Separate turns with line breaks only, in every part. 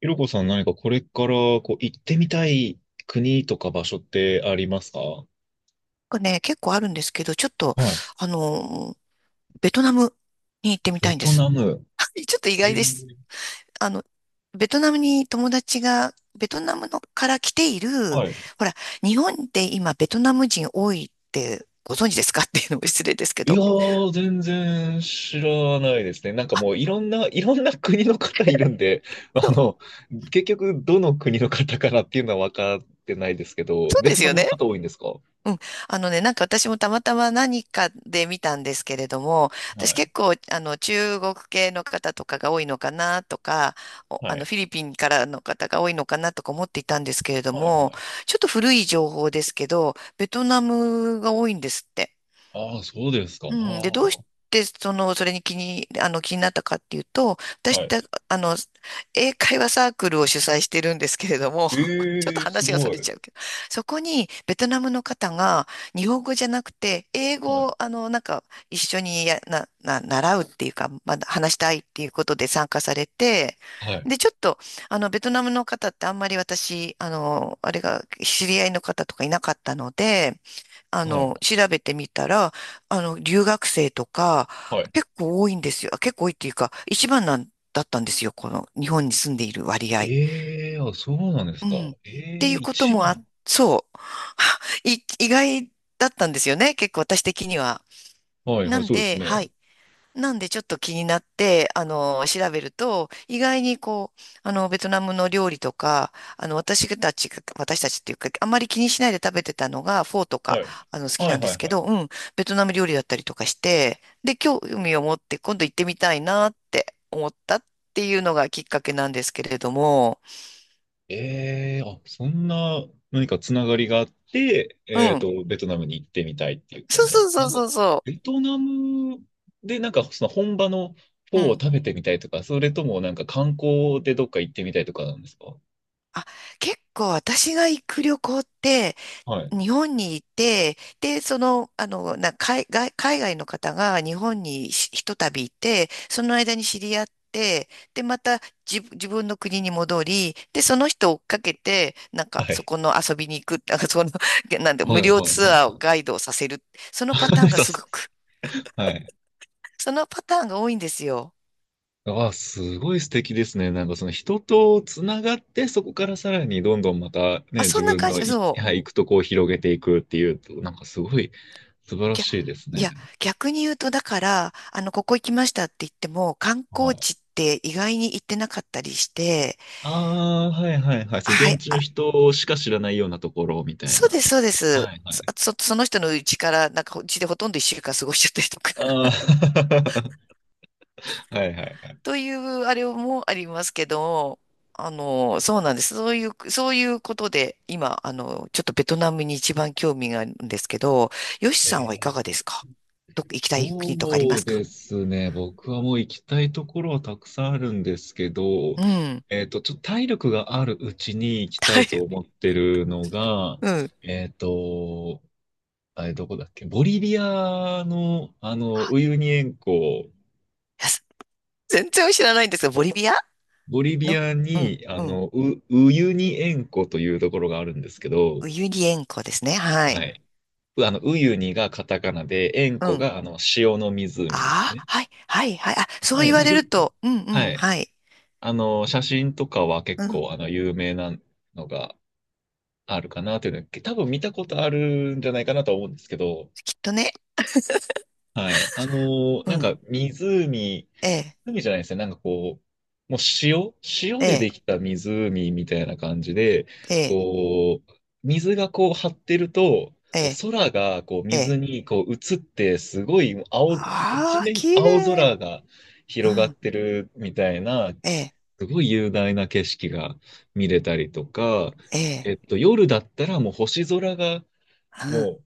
ひろこさん、何かこれからこう行ってみたい国とか場所ってありますか？は
結構あるんですけど、ちょっと、
い。
あの、ベトナムに行ってみた
ベ
いんで
ト
す。
ナム。
ちょっと意
え
外です。
ー、
あの、ベトナムのから来ている、
はい。
ほら、日本って今ベトナム人多いってご存知ですかっていうのも失礼ですけ
いや
ど。
ー、全然知らないですね。なんかもういろんな、いろんな国の方いるんで、あ
そう、
の、結局どの国の方からっていうのは分かってないですけど、
そう
ベ
で
ト
す
ナ
よ
ムの方
ね。
多いんですか？
うん。私もたまたま何かで見たんですけれども、
は
私
い。
結構、中国系の方とかが多いのかなとか、お
は
あの、
い。
フィリピンからの方が多いのかなとか思っていたんですけれど
はい。は
も、
い。
ちょっと古い情報ですけど、ベトナムが多いんですって。
ああ、そうですか。
うん。で、どうし
は
て、その、それに気に、あの、気になったかっていうと、
あ。
私っ
は
て、
い。
あの、英会話サークルを主催してるんですけれども、
え
ちょっと
えー、す
話がそ
ご
れ
い。
ちゃうけど、そこにベトナムの方が日本語じゃなくて、英
は
語
い。
を、一緒にや、な、な、習うっていうか、まだ話したいっていうことで参加されて、
はい。
で、ちょっと、あの、ベトナムの方ってあんまり私、あの、あれが、知り合いの方とかいなかったので、
はい。
調べてみたら、留学生とか、
はい。
結構多いんですよ。結構多いっていうか、一番なんだったんですよ。この日本に住んでいる割合。
ええ、あ、そうなんです
う
か。
ん。って
え
い
え、
うこと
一
もあ、
番。
そう。意外だったんですよね。結構私的には。
はいは
な
い、
ん
そうで
で、
す
は
ね。
い。なんでちょっと気になって、調べると、意外にこう、ベトナムの料理とか、私たちっていうか、あんまり気にしないで食べてたのが、フォーとか、
はい。
好き
は
なん
い
で
は
す
い
け
はい。
ど、うん、ベトナム料理だったりとかして、で、興味を持って今度行ってみたいなって思ったっていうのがきっかけなんですけれども、
ええ、あ、そんな何かつながりがあって、
う
えっ
ん、
と、ベトナムに行ってみたいっていう感
そう
じなん
そ
で
う
す
そ
な
う
んか。
そうそ
ベトナムでなんかその本場のフォ
う、
ー
う
を
ん。
食べてみたいとか、それともなんか観光でどっか行ってみたいとかなんですか？
あ、結構私が行く旅行って、
はい。
日本にいて、で、その、あの、な、海外、海外の方が日本にとたびいて、その間に知り合って、で、また自分の国に戻り、で、その人を追っかけて、なんか、
は
そ
い。
この遊びに行く、なんで、
は
無
い
料
はい
ツ
はい
アーを
は
ガイドをさせる。そ
い。
のパターン が
さ
す
す、
ごく、
はい。
そのパターンが多いんですよ。
ああ、すごい素敵ですね。なんかその人とつながって、そこからさらにどんどんまた
あ、
ね、
そ
自
んな
分
感
の
じ、
い、
そ
はい、行くとこを広げていくっていうと、なんかすごい素晴
う。
らしいです
い
ね。
や、逆に言うと、だから、ここ行きましたって言っても、観
は
光
い。
地って意外に行ってなかったりして、
ああ、はいはいはい。そう、
は
現
い、
地の
あ、
人しか知らないようなところみたい
そう
な。
です、そうです。
はいは
そ、あ
い。
そその人の家から、うちでほとんど一週間過ごしちゃったりとか
ああ、はいはいは い。
という、あれもありますけど、そうなんです。そういうことで、今、ちょっとベトナムに一番興味があるんですけど、ヨシさんはい
え、
かがですか？どっか行きたい国とかありま
そう
すか？
ですね。僕はもう行きたいところはたくさんあるんですけど、
うん。
えっと、ちょっと体力があるうちに行きた
は
い
い。
と思ってるのが、
うん。い
えっと、あれどこだっけ、ボリビアの、ウユニ塩湖。
やす全然知らないんですが、ボリビア
ボリビ
の、
ア
うん、
に、
うん。
ウ、ウユニ塩湖というところがあるんですけど、
ウユニ塩湖ですね。は
は
い。
い。う、あの、ウユニがカタカナで、塩
う
湖
ん。
が、あの、塩の湖です
あ
ね。
あ、はい、はい、はい。あ、そう
は
言
い。
わ
まあ、
れ
よ
る
く、
と、うん、う
は
ん、
い、
はい。
あの、写真とかは結
うん、
構、あの、有名なのがあるかなというのは、多分見たことあるんじゃないかなとは思うんですけど、
きっとね。
はい。あの、
う
なん
ん、
か湖、
ええ、
湖じゃないですね。なんかこう、もう塩、塩で
ええ、
できた湖みたいな感じで、
ええ、
こう、水がこう張ってると、
え
こ
え、
う空がこう
え
水
え。
にこう映って、すごい青、一
ああ、
面
綺
青
麗。
空が
う
広がっ
ん、
てるみたいな、
ええ、
すごい雄大な景色が見れたりとか、
ええ、
えっと、夜だったらもう星空が、
うん、
も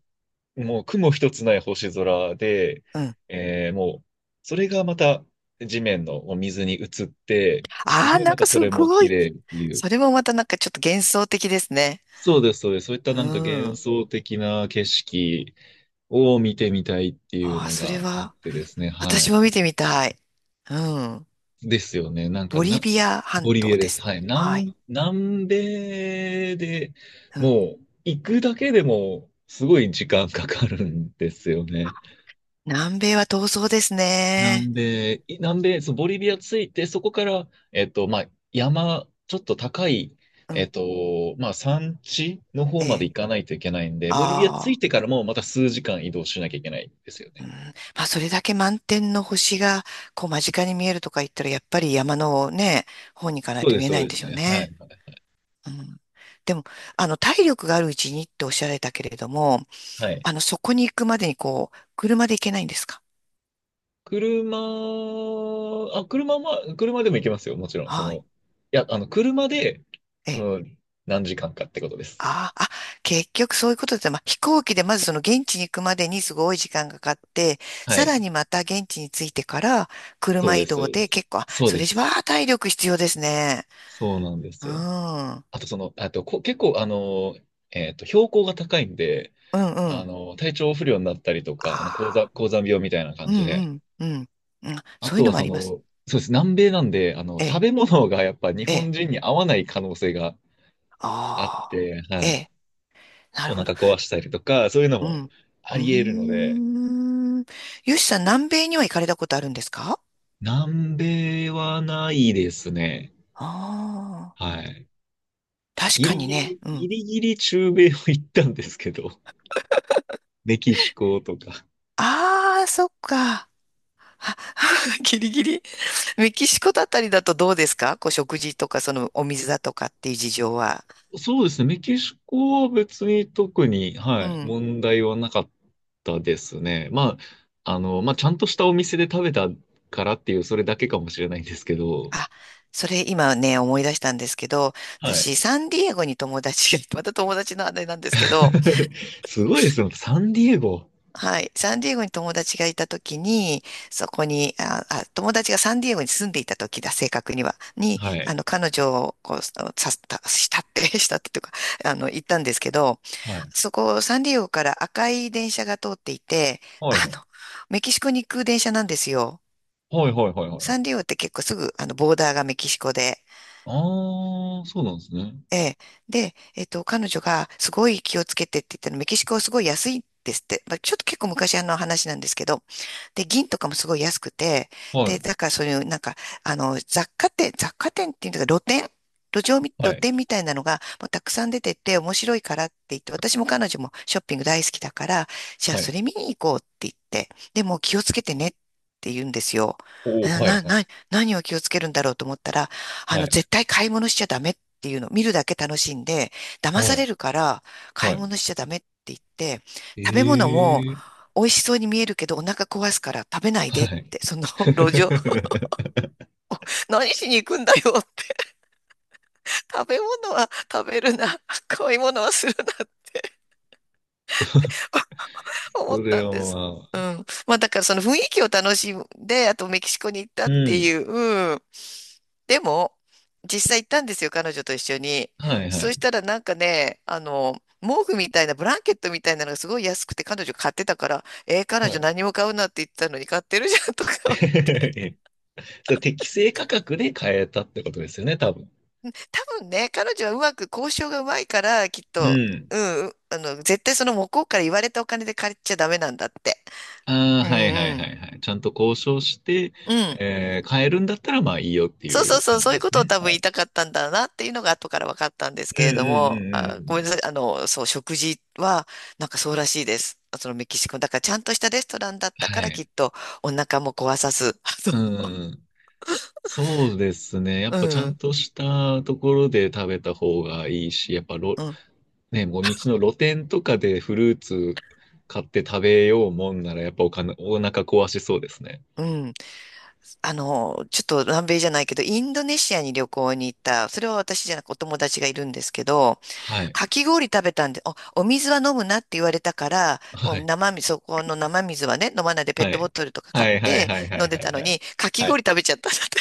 う、もう雲一つない星空で、
うん。
えーもう、それがまた地面のお水に映って、す
ああ、
ごい
なん
また
か
そ
す
れも
ご
綺
い。
麗っていう。
それもまたなんかちょっと幻想的ですね。
そうです、そうです。そういった
う
なんか幻
ん。
想的な景色を見てみたいっていう
ああ、
の
それ
があっ
は、
てですね。は
私も
い。
見てみたい。うん。
ですよね。なんか
ボリ
な、
ビア半
ボリビア
島
で
で
す。
す。
はい。
はい。
南、南米で、
うん。
もう行くだけでもすごい時間かかるんですよね。
南米は闘争ですね。
南米、い南米、そう、ボリビア着いて、そこから、えっと、まあ、山、ちょっと高い、
う
えっ
ん。
と、まあ、山地の
え
方まで行
え。
かないといけないんで、ボリビア着
あ
い
あ。
てからもまた数時間移動しなきゃいけないんですよ
うん、
ね。
まあ、それだけ満天の星が、こう、間近に見えるとか言ったら、やっぱり山のね、方に行かない
そう
と
で
見
す、
え
そう
ないん
で
で
す
しょう
ね。はい。
ね。うん。でも、体力があるうちにっておっしゃられたけれども、
はい。
そこに行くまでに、こう、車で行けないんですか？
車、あ、車、まあ、車でも行けますよ、もちろん。そ
は
の、
い。
いや、あの、車で、
ええ。
うん、何時間かってことです。
ああ、あ、結局そういうことで、まあ、飛行機でまずその現地に行くまでにすごい時間がかかって、
は
さら
い。
にまた現地に着いてから、
そう
車
で
移
す、そ
動
うで
で
す。
結構、あ
そう
そ
で
れじゃ
す。
あ体力必要ですね。
そうなんで
う
すよ。
ん。うん
あと、その、あと、こ、結構、あの、えっと、標高が高いんで、
う
あ
ん。
の、体調不良になったりとか、あの、高
あ
山、
あ、
高山病みたいな
う
感
ん
じ
う
で、
んうん、うん。
あ
そういう
と
の
は、
もあ
そ
ります。
の、そうです、南米なんで、あの、
え
食
え、
べ物がやっぱ日
え
本
え。
人に合わない可能性があっ
ああ、
て、
え
はい。
え。なる
お
ほど。
腹壊したりとか、そういうの
う
も
ん。
あ
う
り得るの
ー
で、
ん。よしさん、南米には行かれたことあるんですか？
南米はないですね。
ああ
はい。
ー、確
ギ
か
リ
に
ギ
ね。
リ、
う
ギ
ん。
リギリ中米を行ったんですけど、メキシコとか。
ああ、そっか。あ ギリギリ。メキシコだったりだとどうですか、こう食事とか、そのお水だとかっていう事情は。
そうですね、メキシコは別に特に、は
う
い、
ん。
問題はなかったですね。まあ、あの、まあ、ちゃんとしたお店で食べたからっていう、それだけかもしれないんですけど、
あ、それ今ね、思い出したんですけど、
はい。
私、サンディエゴに友達が、また友達のあれなんですけど、
すごいですよ、サンディエゴ。
はい、サンディエゴに友達がいた時に、そこに、あ、あ、友達がサンディエゴに住んでいた時だ、正確には、に、
はい。
あの、彼女を、こう、さ、したしたって、したってというか、行ったんですけど、
はい。
そこ、サンディエゴから赤い電車が通っていて、
は
あ
いは
の、
い。
メキシコに行く電車なんですよ。
はいはいはいは
サンディエ
い。
ゴって結構すぐ、ボーダーがメキシコで、
ああ、そうなんですね。
ええ。で、えっと、彼女がすごい気をつけてって言ったの、メキシコはすごい安いんですって。まあ、ちょっと結構昔あの話なんですけど、で、銀とかもすごい安くて、
は
で、
い。
だからそういう、雑貨店っていうか、路上み、
は
露
い。
店みたいなのがもうたくさん出てて面白いからって言って、私も彼女もショッピング大好きだから、じゃあ
は
それ
い。
見に行こうって言って、でも気をつけてねって言うんですよ。
おお、
な、
は
な、
い。
な、何を気をつけるんだろうと思ったら、
はい。
絶対買い物しちゃダメっていうの、見るだけ楽しんで、騙
は
さ
い。
れるから買
は
い
い。
物しちゃダメって言って、食べ物も
ええ、
美味しそうに見えるけどお腹壊すから食べない
は
でっ
い。
て、その 路上、何しに行くんだよって、食べ物は食べるな、買い物はするなって 思っ
それ
たん
は
です。
ま
う
あ、
ん。まあだからその雰囲気を楽しんで、あとメキシコに行った
う
って
ん。
いう、うん。でも、実際行ったんですよ、彼女と一緒に。
はい、は
そう
い。
したらなんかね、毛布みたいな、ブランケットみたいなのがすごい安くて彼女買ってたから、えー彼
は
女
い。
何も買うなって言ってたのに買ってるじゃんとか、
そゃ適正価格で買えたってことですよね、多分。
多分ね、彼女はうまく交渉がうまいから、きっ
う
と、
ん。
うん、うあの、絶対その向こうから言われたお金で借りちゃダメなんだって。
ああ、
うん
はいはい
う
は
ん。
いはい。ちゃんと交渉して、
うん。
えー、買えるんだったらまあいいよって
そう
い
そう
う
そう、
感
そ
じ
うい
で
うこ
す
とを
ね。
多分
は
言い
い。
たかったんだなっていうのが後から分かったんです
うん
け
う
れど
んうん
も、
うんう
あ、ごめんなさ
ん。
い、そう、食事はなんかそうらしいです。そのメキシコ。だからちゃんとしたレストランだった
は
から
い。
きっとお腹も壊さず。
うんう んうん。そうですね。や
あ
っぱちゃ
のう
ん
ん、
としたところで食べた方がいいし、やっぱろ、
うん、
ね、もう道の露店とかでフルーツ買って食べようもんなら、やっぱお金、お腹壊しそうですね。
うん。ちょっと南米じゃないけど、インドネシアに旅行に行った、それは私じゃなくお友達がいるんですけど、
はい。
かき氷食べたんで、お水は飲むなって言われたから、も
は
う
い。
生水、そこの生水はね、飲まないでペッ
は
トボ
い。
トルとか買
は
っ
いはい
て
はいは
飲ん
い
で
は
た
い
の
はい。
に、かき
は
氷食
い。
べちゃったんだって。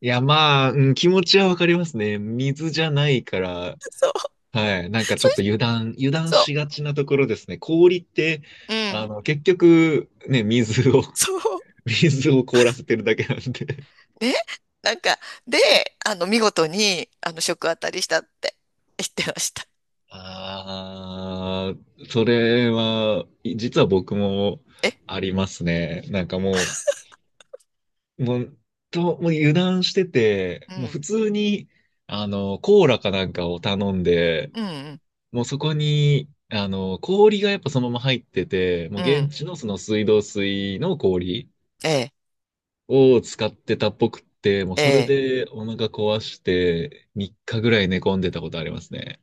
いや、まあ、うん、気持ちはわかりますね。水じゃないから、
そう、
はい。なんかち
そ
ょっと
し、
油断、油断
そ
しがちなところですね。氷って、
う、う
あ
ん、
の、結局、ね、水を
そう、
水を凍らせてるだけなんで。
ね、なんか、で、見事に、食当たりしたって言ってました。
ああ、それは、い実は僕も
え、
ありますね。なんかもう、もう、と、もう油断してて、
う
もう普
ん、
通に、あの、コーラかなんかを頼んで、
うん、
もうそこに、あの、氷がやっぱそのまま入ってて、もう
うん、う
現
ん、
地のその水道水の氷
ええ、
を使ってたっぽくって、もう
え
それ
え。
でお腹壊して3日ぐらい寝込んでたことありますね。